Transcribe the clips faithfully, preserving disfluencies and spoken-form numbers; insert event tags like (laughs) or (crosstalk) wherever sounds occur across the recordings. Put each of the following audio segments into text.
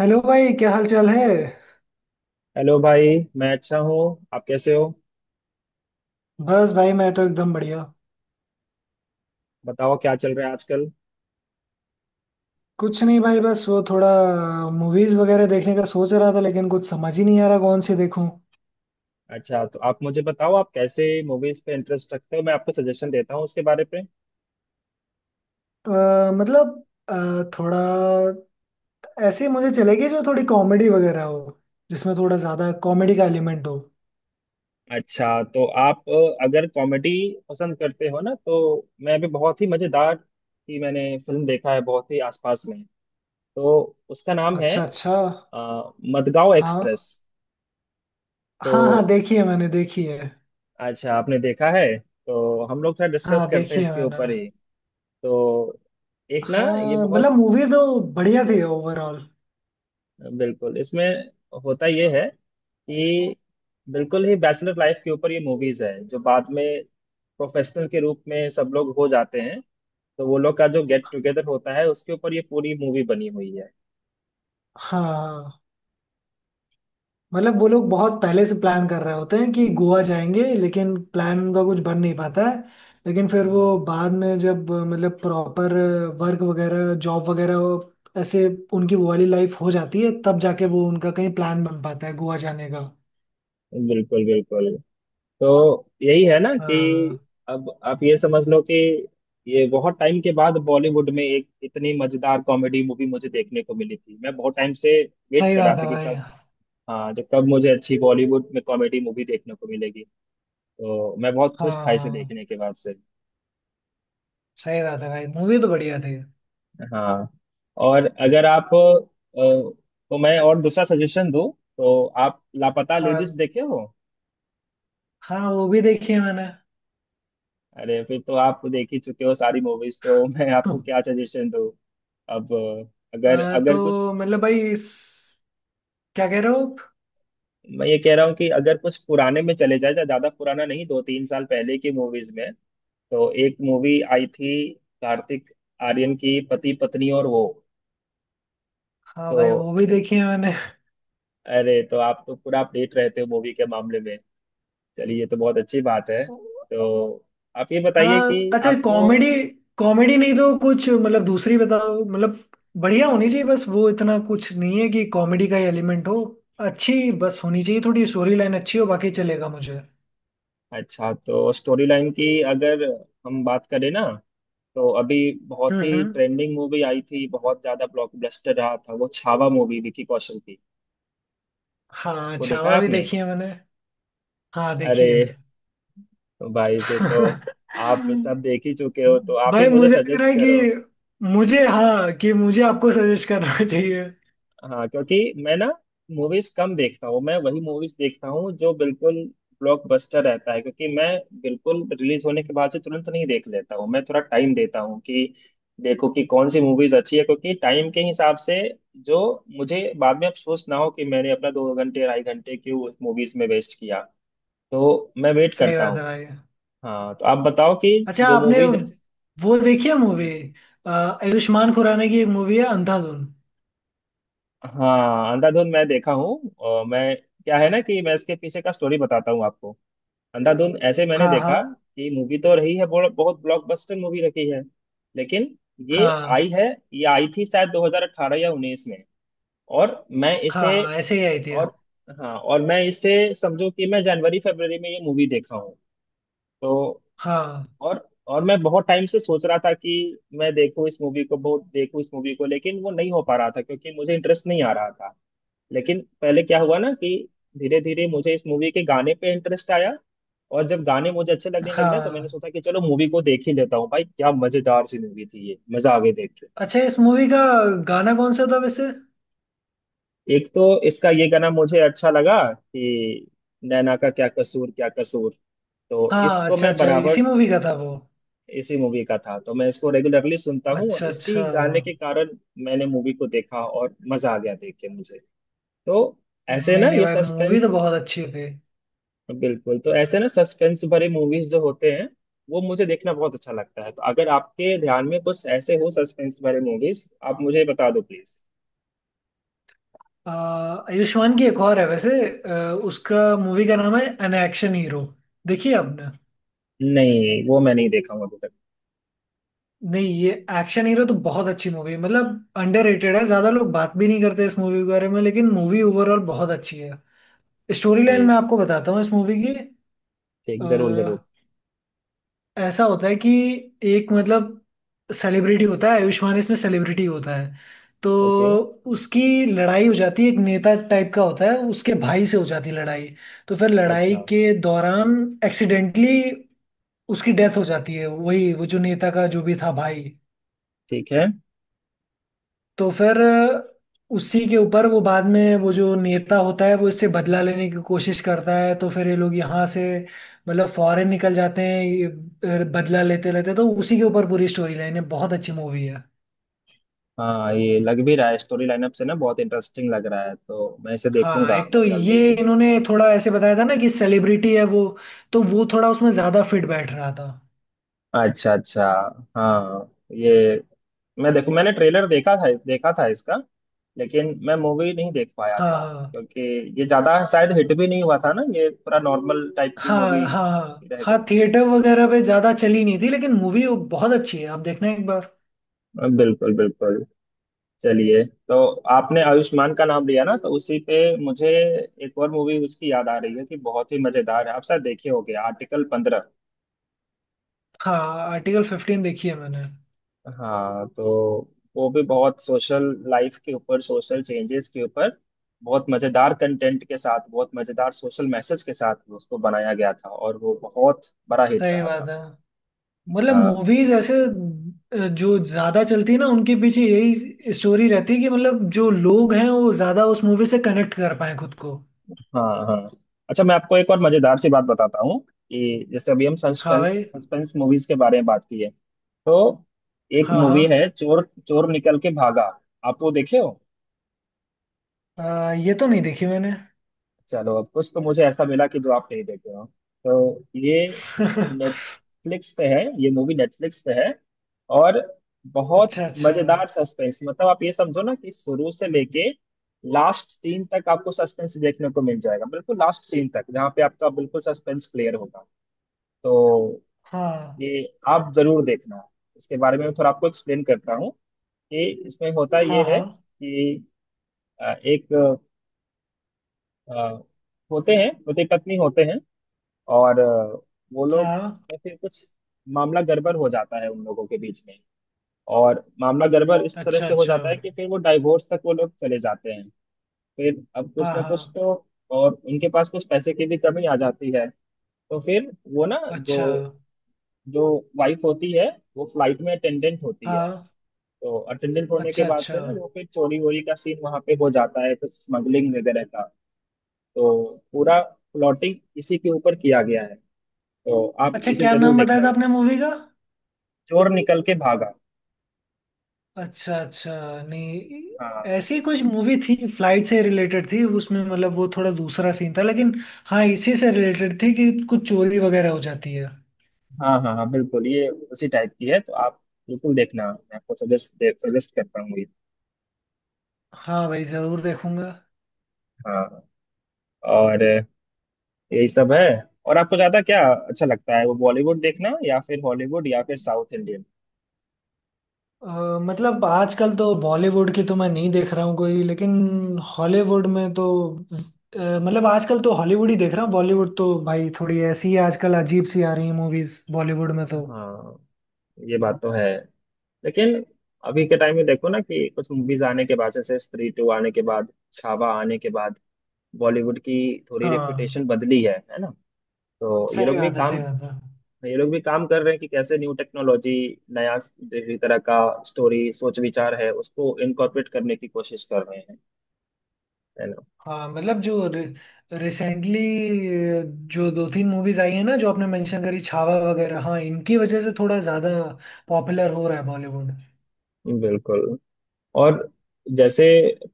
Hello भाई, क्या हाल चाल है। हेलो भाई, मैं अच्छा हूँ। आप कैसे हो? बस भाई मैं तो एकदम बढ़िया। बताओ क्या चल रहा है आजकल। कुछ नहीं भाई, बस वो थोड़ा मूवीज वगैरह देखने का सोच रहा था, लेकिन कुछ समझ ही नहीं आ रहा कौन सी देखूं। अच्छा, तो आप मुझे बताओ आप कैसे मूवीज पे इंटरेस्ट रखते हो, मैं आपको सजेशन देता हूँ उसके बारे पे। तो, अ, मतलब अ, थोड़ा ऐसी मुझे चलेगी जो थोड़ी कॉमेडी वगैरह हो, जिसमें थोड़ा ज्यादा कॉमेडी का एलिमेंट हो। अच्छा तो आप, अ, अगर कॉमेडी पसंद करते हो ना, तो मैं भी बहुत ही मजेदार की मैंने फिल्म देखा है बहुत ही आसपास में। तो उसका नाम है अच्छा अच्छा। अ, मडगांव हाँ एक्सप्रेस। हाँ, हाँ तो देखी है मैंने, देखी है। अच्छा, आपने देखा है। तो हम लोग थोड़ा डिस्कस हाँ करते हैं देखी है इसके मैंने। ऊपर ही। तो एक ना, ये हाँ बहुत मतलब मूवी तो बढ़िया थी ओवरऑल। बिल्कुल इसमें होता ये है कि बिल्कुल ही बैचलर लाइफ के ऊपर ये मूवीज है, जो बाद में प्रोफेशनल के रूप में सब लोग हो जाते हैं, तो वो लोग का जो गेट टुगेदर होता है उसके ऊपर ये पूरी मूवी बनी हुई है। हाँ हाँ। मतलब वो लोग बहुत पहले से प्लान कर रहे होते हैं कि गोवा जाएंगे, लेकिन प्लान उनका कुछ बन नहीं पाता है। लेकिन फिर हाँ, वो बाद में जब अ, मतलब प्रॉपर वर्क वगैरह, जॉब वगैरह, वो- ऐसे उनकी वो वाली लाइफ हो जाती है, तब जाके वो उनका कहीं प्लान बन पाता है गोवा जाने का। बिल्कुल बिल्कुल। तो यही है ना कि हाँ अब आप ये समझ लो कि ये बहुत टाइम के बाद बॉलीवुड में एक इतनी मजेदार कॉमेडी मूवी मुझे देखने को मिली थी, मैं बहुत टाइम से वेट सही कर रहा बात है था कि भाई। कब। हाँ, जो कब मुझे अच्छी बॉलीवुड में कॉमेडी मूवी देखने को मिलेगी, तो मैं बहुत खुश था इसे हाँ देखने के बाद से। सही बात है भाई, मूवी तो बढ़िया थी। हाँ। और अगर आप, अ, तो मैं और दूसरा सजेशन दूं, तो आप लापता हाँ लेडीज देखे हो? हाँ, वो भी देखी है मैंने। अरे, फिर तो आप देख ही चुके हो सारी मूवीज तो (laughs) मैं आपको (laughs) क्या सजेशन दूं। अब अ, अगर अ, अगर कुछ, तो मतलब भाई इस- क्या कह रहे हो आप? मैं ये कह रहा हूँ कि अगर कुछ पुराने में चले जाए, ज्यादा पुराना नहीं, दो तीन साल पहले की मूवीज में, तो एक मूवी आई थी कार्तिक आर्यन की पति पत्नी और वो। हाँ तो भाई, वो भी देखी है मैंने। अरे, तो आप तो पूरा अपडेट रहते हो मूवी के मामले में। चलिए, ये तो बहुत अच्छी बात है। तो आप ये बताइए हाँ कि अच्छा, आपको। कॉमेडी कॉमेडी नहीं तो कुछ मतलब दूसरी बताओ, मतलब बढ़िया होनी चाहिए, बस वो इतना कुछ नहीं है कि कॉमेडी का एलिमेंट हो। अच्छी बस होनी चाहिए, थोड़ी स्टोरी लाइन अच्छी हो, बाकी चलेगा मुझे। अच्छा तो स्टोरी लाइन की, अगर हम बात करें ना, तो अभी बहुत हम्म ही हम्म। ट्रेंडिंग मूवी आई थी, बहुत ज्यादा ब्लॉकबस्टर रहा था, वो छावा मूवी विकी कौशल की। हाँ वो देखा है छावा भी आपने? देखी है मैंने। हाँ देखी अरे है। भाई, फिर तो आप सब देख (laughs) ही चुके हो, तो आप ही भाई मुझे मुझे लग रहा सजेस्ट है करो। कि मुझे, हाँ, कि मुझे आपको सजेस्ट करना (laughs) चाहिए। हाँ, क्योंकि मैं ना मूवीज कम देखता हूँ। मैं वही मूवीज देखता हूँ जो बिल्कुल ब्लॉकबस्टर रहता है, क्योंकि मैं बिल्कुल रिलीज होने के बाद से तुरंत नहीं देख लेता हूँ, मैं थोड़ा टाइम देता हूँ कि देखो कि कौन सी मूवीज अच्छी है, क्योंकि टाइम के हिसाब से जो मुझे बाद में अफसोस ना हो कि मैंने अपना दो घंटे ढाई घंटे क्यों उस मूवीज में वेस्ट किया। तो मैं वेट सही करता बात है हूँ। भाई। हाँ, तो आप बताओ कि अच्छा जो आपने मूवी जैसे। वो देखी है मूवी, आयुष्मान खुराना की एक मूवी है अंधाधुन। हाँ, अंधाधुन मैं देखा हूँ। और मैं, क्या है ना कि मैं इसके पीछे का स्टोरी बताता हूँ आपको। अंधाधुन ऐसे मैंने हाँ हाँ। देखा कि मूवी तो रही है, बहुत बहुत ब्लॉकबस्टर मूवी रही है। लेकिन ये हाँ आई है, ये आई थी शायद दो हज़ार अठारह या उन्नीस में। और मैं हाँ, इसे, हाँ ऐसे ही आई थी। और हाँ, और मैं इसे समझो कि मैं जनवरी फरवरी में ये मूवी देखा हूँ। तो हाँ और और मैं बहुत टाइम से सोच रहा था कि मैं देखूँ इस मूवी को, बहुत देखूँ इस मूवी को, लेकिन वो नहीं हो पा रहा था क्योंकि मुझे इंटरेस्ट नहीं आ रहा था। लेकिन पहले क्या हुआ ना कि धीरे धीरे मुझे इस मूवी के गाने पे इंटरेस्ट आया। और जब गाने मुझे अच्छे लगने लगे ना, तो मैंने हाँ। सोचा कि चलो मूवी को देख ही लेता हूँ। भाई क्या मजेदार सी मूवी थी ये, मजा आ गई देख के। अच्छा इस मूवी का गाना कौन सा था वैसे। एक तो इसका ये गाना मुझे अच्छा लगा कि, नैना का क्या कसूर क्या कसूर। तो हाँ इसको अच्छा मैं अच्छा, बराबर, इसी मूवी का था वो। इसी मूवी का था, तो मैं इसको रेगुलरली सुनता हूँ, और अच्छा अच्छा। इसी गाने के कारण मैंने मूवी को देखा, और मजा आ गया देख के मुझे। तो ऐसे ना नहीं नहीं ये भाई, मूवी सस्पेंस, तो बहुत अच्छी थी। बिल्कुल। तो ऐसे ना सस्पेंस भरे मूवीज जो होते हैं, वो मुझे देखना बहुत अच्छा लगता है। तो अगर आपके ध्यान में कुछ ऐसे हो सस्पेंस भरे मूवीज, आप मुझे बता दो प्लीज। आ, आयुष्मान की एक और है वैसे, आ, उसका मूवी का नाम है एन एक्शन हीरो। देखिए आपने। नहीं, वो मैं नहीं देखा हूँ अभी तक। नहीं ये एक्शन हीरो तो बहुत अच्छी मूवी है, मतलब अंडररेटेड है। ज्यादा लोग बात भी नहीं करते इस मूवी के बारे में, लेकिन मूवी ओवरऑल बहुत अच्छी है। स्टोरी लाइन मैं ठीक आपको बताता हूँ इस मूवी ठीक, की। जरूर जरूर। ऐसा होता है कि एक मतलब सेलिब्रिटी होता है, आयुष्मान इसमें सेलिब्रिटी होता है। तो ओके, उसकी लड़ाई हो जाती है, एक नेता टाइप का होता है उसके भाई से हो जाती है लड़ाई। तो फिर लड़ाई अच्छा, के दौरान एक्सीडेंटली उसकी डेथ हो जाती है, वही वो जो नेता का जो भी था भाई। ठीक है। तो फिर उसी के ऊपर वो बाद में वो जो नेता होता है वो इससे बदला लेने की कोशिश करता है, तो फिर ये लोग यहाँ से मतलब फॉरेन निकल जाते हैं, ये बदला लेते रहते हैं। तो उसी के ऊपर पूरी स्टोरी लाइन है, बहुत अच्छी मूवी है। हाँ, ये लग भी रहा है स्टोरी लाइनअप से ना, बहुत इंटरेस्टिंग लग रहा है, तो मैं इसे हाँ देखूंगा एक तो मैं जल्दी ये ही। इन्होंने थोड़ा ऐसे बताया था ना कि सेलिब्रिटी है वो, तो वो थोड़ा उसमें ज्यादा फिट बैठ रहा था। अच्छा अच्छा। हाँ, ये मैं देखू, मैंने ट्रेलर देखा था, देखा था इसका, लेकिन मैं मूवी नहीं देख पाया था, हाँ क्योंकि ये ज्यादा शायद हिट भी नहीं हुआ था ना, ये पूरा नॉर्मल टाइप की हाँ मूवी हाँ हाँ रह हाँ, गई थी। थिएटर वगैरह पे ज्यादा चली नहीं थी, लेकिन मूवी बहुत अच्छी है, आप देखना एक बार। बिल्कुल बिल्कुल। चलिए तो, आपने आयुष्मान का नाम लिया ना, तो उसी पे मुझे एक और मूवी उसकी याद आ रही है कि बहुत ही मजेदार है, आप शायद देखे होंगे, आर्टिकल पंद्रह। हाँ। आर्टिकल फिफ्टीन देखी है मैंने। हाँ, तो वो भी बहुत सोशल लाइफ के ऊपर, सोशल चेंजेस के ऊपर, बहुत मजेदार कंटेंट के साथ, बहुत मजेदार सोशल मैसेज के साथ उसको बनाया गया था, और वो बहुत बड़ा हिट सही रहा था। बात है, मतलब हाँ मूवीज ऐसे अ, जो ज्यादा चलती है ना उनके पीछे यही स्टोरी रहती है कि मतलब जो लोग हैं वो ज्यादा उस मूवी से कनेक्ट कर पाए खुद को। हाँ हाँ। अच्छा, मैं आपको एक और मजेदार सी बात बताता हूँ कि जैसे अभी हम हाँ सस्पेंस भाई। सस्पेंस मूवीज के बारे में बात की है, तो एक मूवी हाँ है चोर चोर निकल के भागा, आप वो देखे हो? हाँ, अ, ये तो नहीं देखी मैंने। चलो, अब कुछ तो मुझे ऐसा मिला कि जो आप नहीं देखे हो। तो ये (laughs) नेटफ्लिक्स पे है, ये मूवी नेटफ्लिक्स पे है। और बहुत अच्छा अच्छा। मजेदार सस्पेंस, मतलब आप ये समझो ना कि शुरू से लेके लास्ट सीन तक आपको सस्पेंस देखने को मिल जाएगा, बिल्कुल लास्ट सीन तक, जहाँ पे आपका बिल्कुल सस्पेंस क्लियर होगा। तो हाँ ये आप जरूर देखना। इसके बारे में मैं थोड़ा आपको एक्सप्लेन करता हूँ कि इसमें होता ये हाँ है हाँ कि अ, एक अ, होते हैं पति पत्नी होते हैं। और अ, वो लोग, हाँ। या फिर कुछ मामला गड़बड़ हो जाता है उन लोगों के बीच में। और मामला गड़बड़ इस तरह अच्छा से हो अच्छा। जाता है कि फिर वो डाइवोर्स तक वो लोग चले जाते हैं। फिर अब कुछ हाँ ना कुछ हाँ। तो, और उनके पास कुछ पैसे की भी कमी आ जाती है। तो फिर वो ना, जो अच्छा। जो वाइफ होती है, वो फ्लाइट में अटेंडेंट होती है। हाँ। तो अटेंडेंट होने के अच्छा बाद अच्छा। से ना, वो फिर चोरी वोरी का सीन वहां पे हो जाता है, कुछ स्मगलिंग वगैरह का। तो पूरा प्लॉटिंग इसी के ऊपर किया गया है। तो आप अच्छा इसे क्या जरूर नाम बताया देखना, था आपने मूवी का। चोर निकल के भागा। अच्छा अच्छा। नहीं, हाँ ऐसी कुछ मूवी थी फ्लाइट से रिलेटेड थी उसमें, मतलब वो थोड़ा दूसरा सीन था लेकिन। हाँ इसी से रिलेटेड थी कि कुछ चोरी वगैरह हो जाती है। हाँ हाँ हाँ बिल्कुल, ये उसी टाइप की है, तो आप बिल्कुल देखना, मैं आपको सजेस्ट सजेस्ट करता हूँ ये। हाँ भाई जरूर देखूंगा। हाँ, और यही सब है। और आपको ज्यादा क्या अच्छा लगता है, वो बॉलीवुड देखना या फिर हॉलीवुड या फिर साउथ इंडियन? अ, मतलब आजकल तो बॉलीवुड की तो मैं नहीं देख रहा हूँ कोई, लेकिन हॉलीवुड में तो अ, मतलब आजकल तो हॉलीवुड ही देख रहा हूँ। बॉलीवुड तो भाई थोड़ी ऐसी ही आजकल अजीब सी आ रही है मूवीज बॉलीवुड में तो। हाँ, ये बात तो है। लेकिन अभी के टाइम में देखो ना कि कुछ मूवीज आने के बाद, जैसे स्त्री टू आने के बाद, छावा आने के बाद, बॉलीवुड की थोड़ी रेपुटेशन हाँ बदली है है ना। तो ये सही लोग भी बात है, सही काम बात है। ये लोग भी काम कर रहे हैं कि कैसे न्यू टेक्नोलॉजी, नया जिस तरह का स्टोरी सोच विचार है उसको इनकॉर्पोरेट करने की कोशिश कर रहे हैं, है ना। हाँ मतलब जो रिसेंटली जो दो तीन मूवीज आई हैं ना, जो आपने मेंशन करी, छावा वगैरह, हाँ इनकी वजह से थोड़ा ज्यादा पॉपुलर हो रहा है बॉलीवुड। बिल्कुल। और जैसे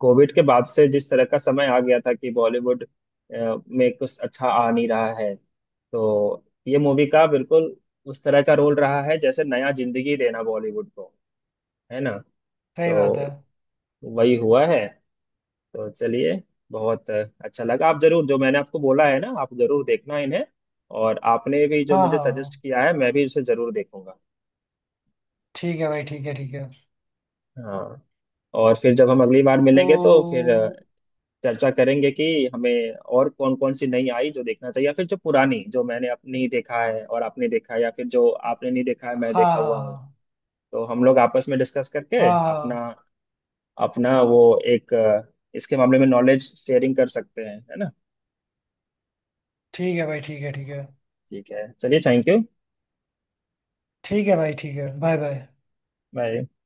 कोविड के बाद से जिस तरह का समय आ गया था कि बॉलीवुड अ, में कुछ अच्छा आ नहीं रहा है, तो ये मूवी का बिल्कुल उस तरह का रोल रहा है, जैसे नया जिंदगी देना बॉलीवुड को, है ना। सही बात है। तो वही हुआ है। तो चलिए, बहुत अच्छा लगा। आप जरूर, जो मैंने आपको बोला है ना, आप जरूर देखना इन्हें। और आपने भी जो हाँ मुझे हाँ सजेस्ट हाँ, किया है, मैं भी उसे जरूर देखूंगा। ठीक है भाई, ठीक है ठीक है। हाँ, और फिर जब हम अगली बार मिलेंगे तो फिर अ, तो चर्चा करेंगे कि हमें और कौन कौन सी नई आई जो देखना चाहिए, या फिर जो पुरानी जो मैंने अप- नहीं देखा है और आपने देखा है, या फिर जो आपने नहीं देखा है मैं हाँ देखा हुआ हूँ। हाँ। तो हम लोग आपस में डिस्कस करके हाँ अपना हाँ, अपना वो, एक अ, इसके मामले में नॉलेज शेयरिंग कर सकते हैं, है ना। ठीक है भाई, ठीक है ठीक है। ठीक है, चलिए, थैंक यू। ठीक है भाई, ठीक है, बाय बाय। बाय।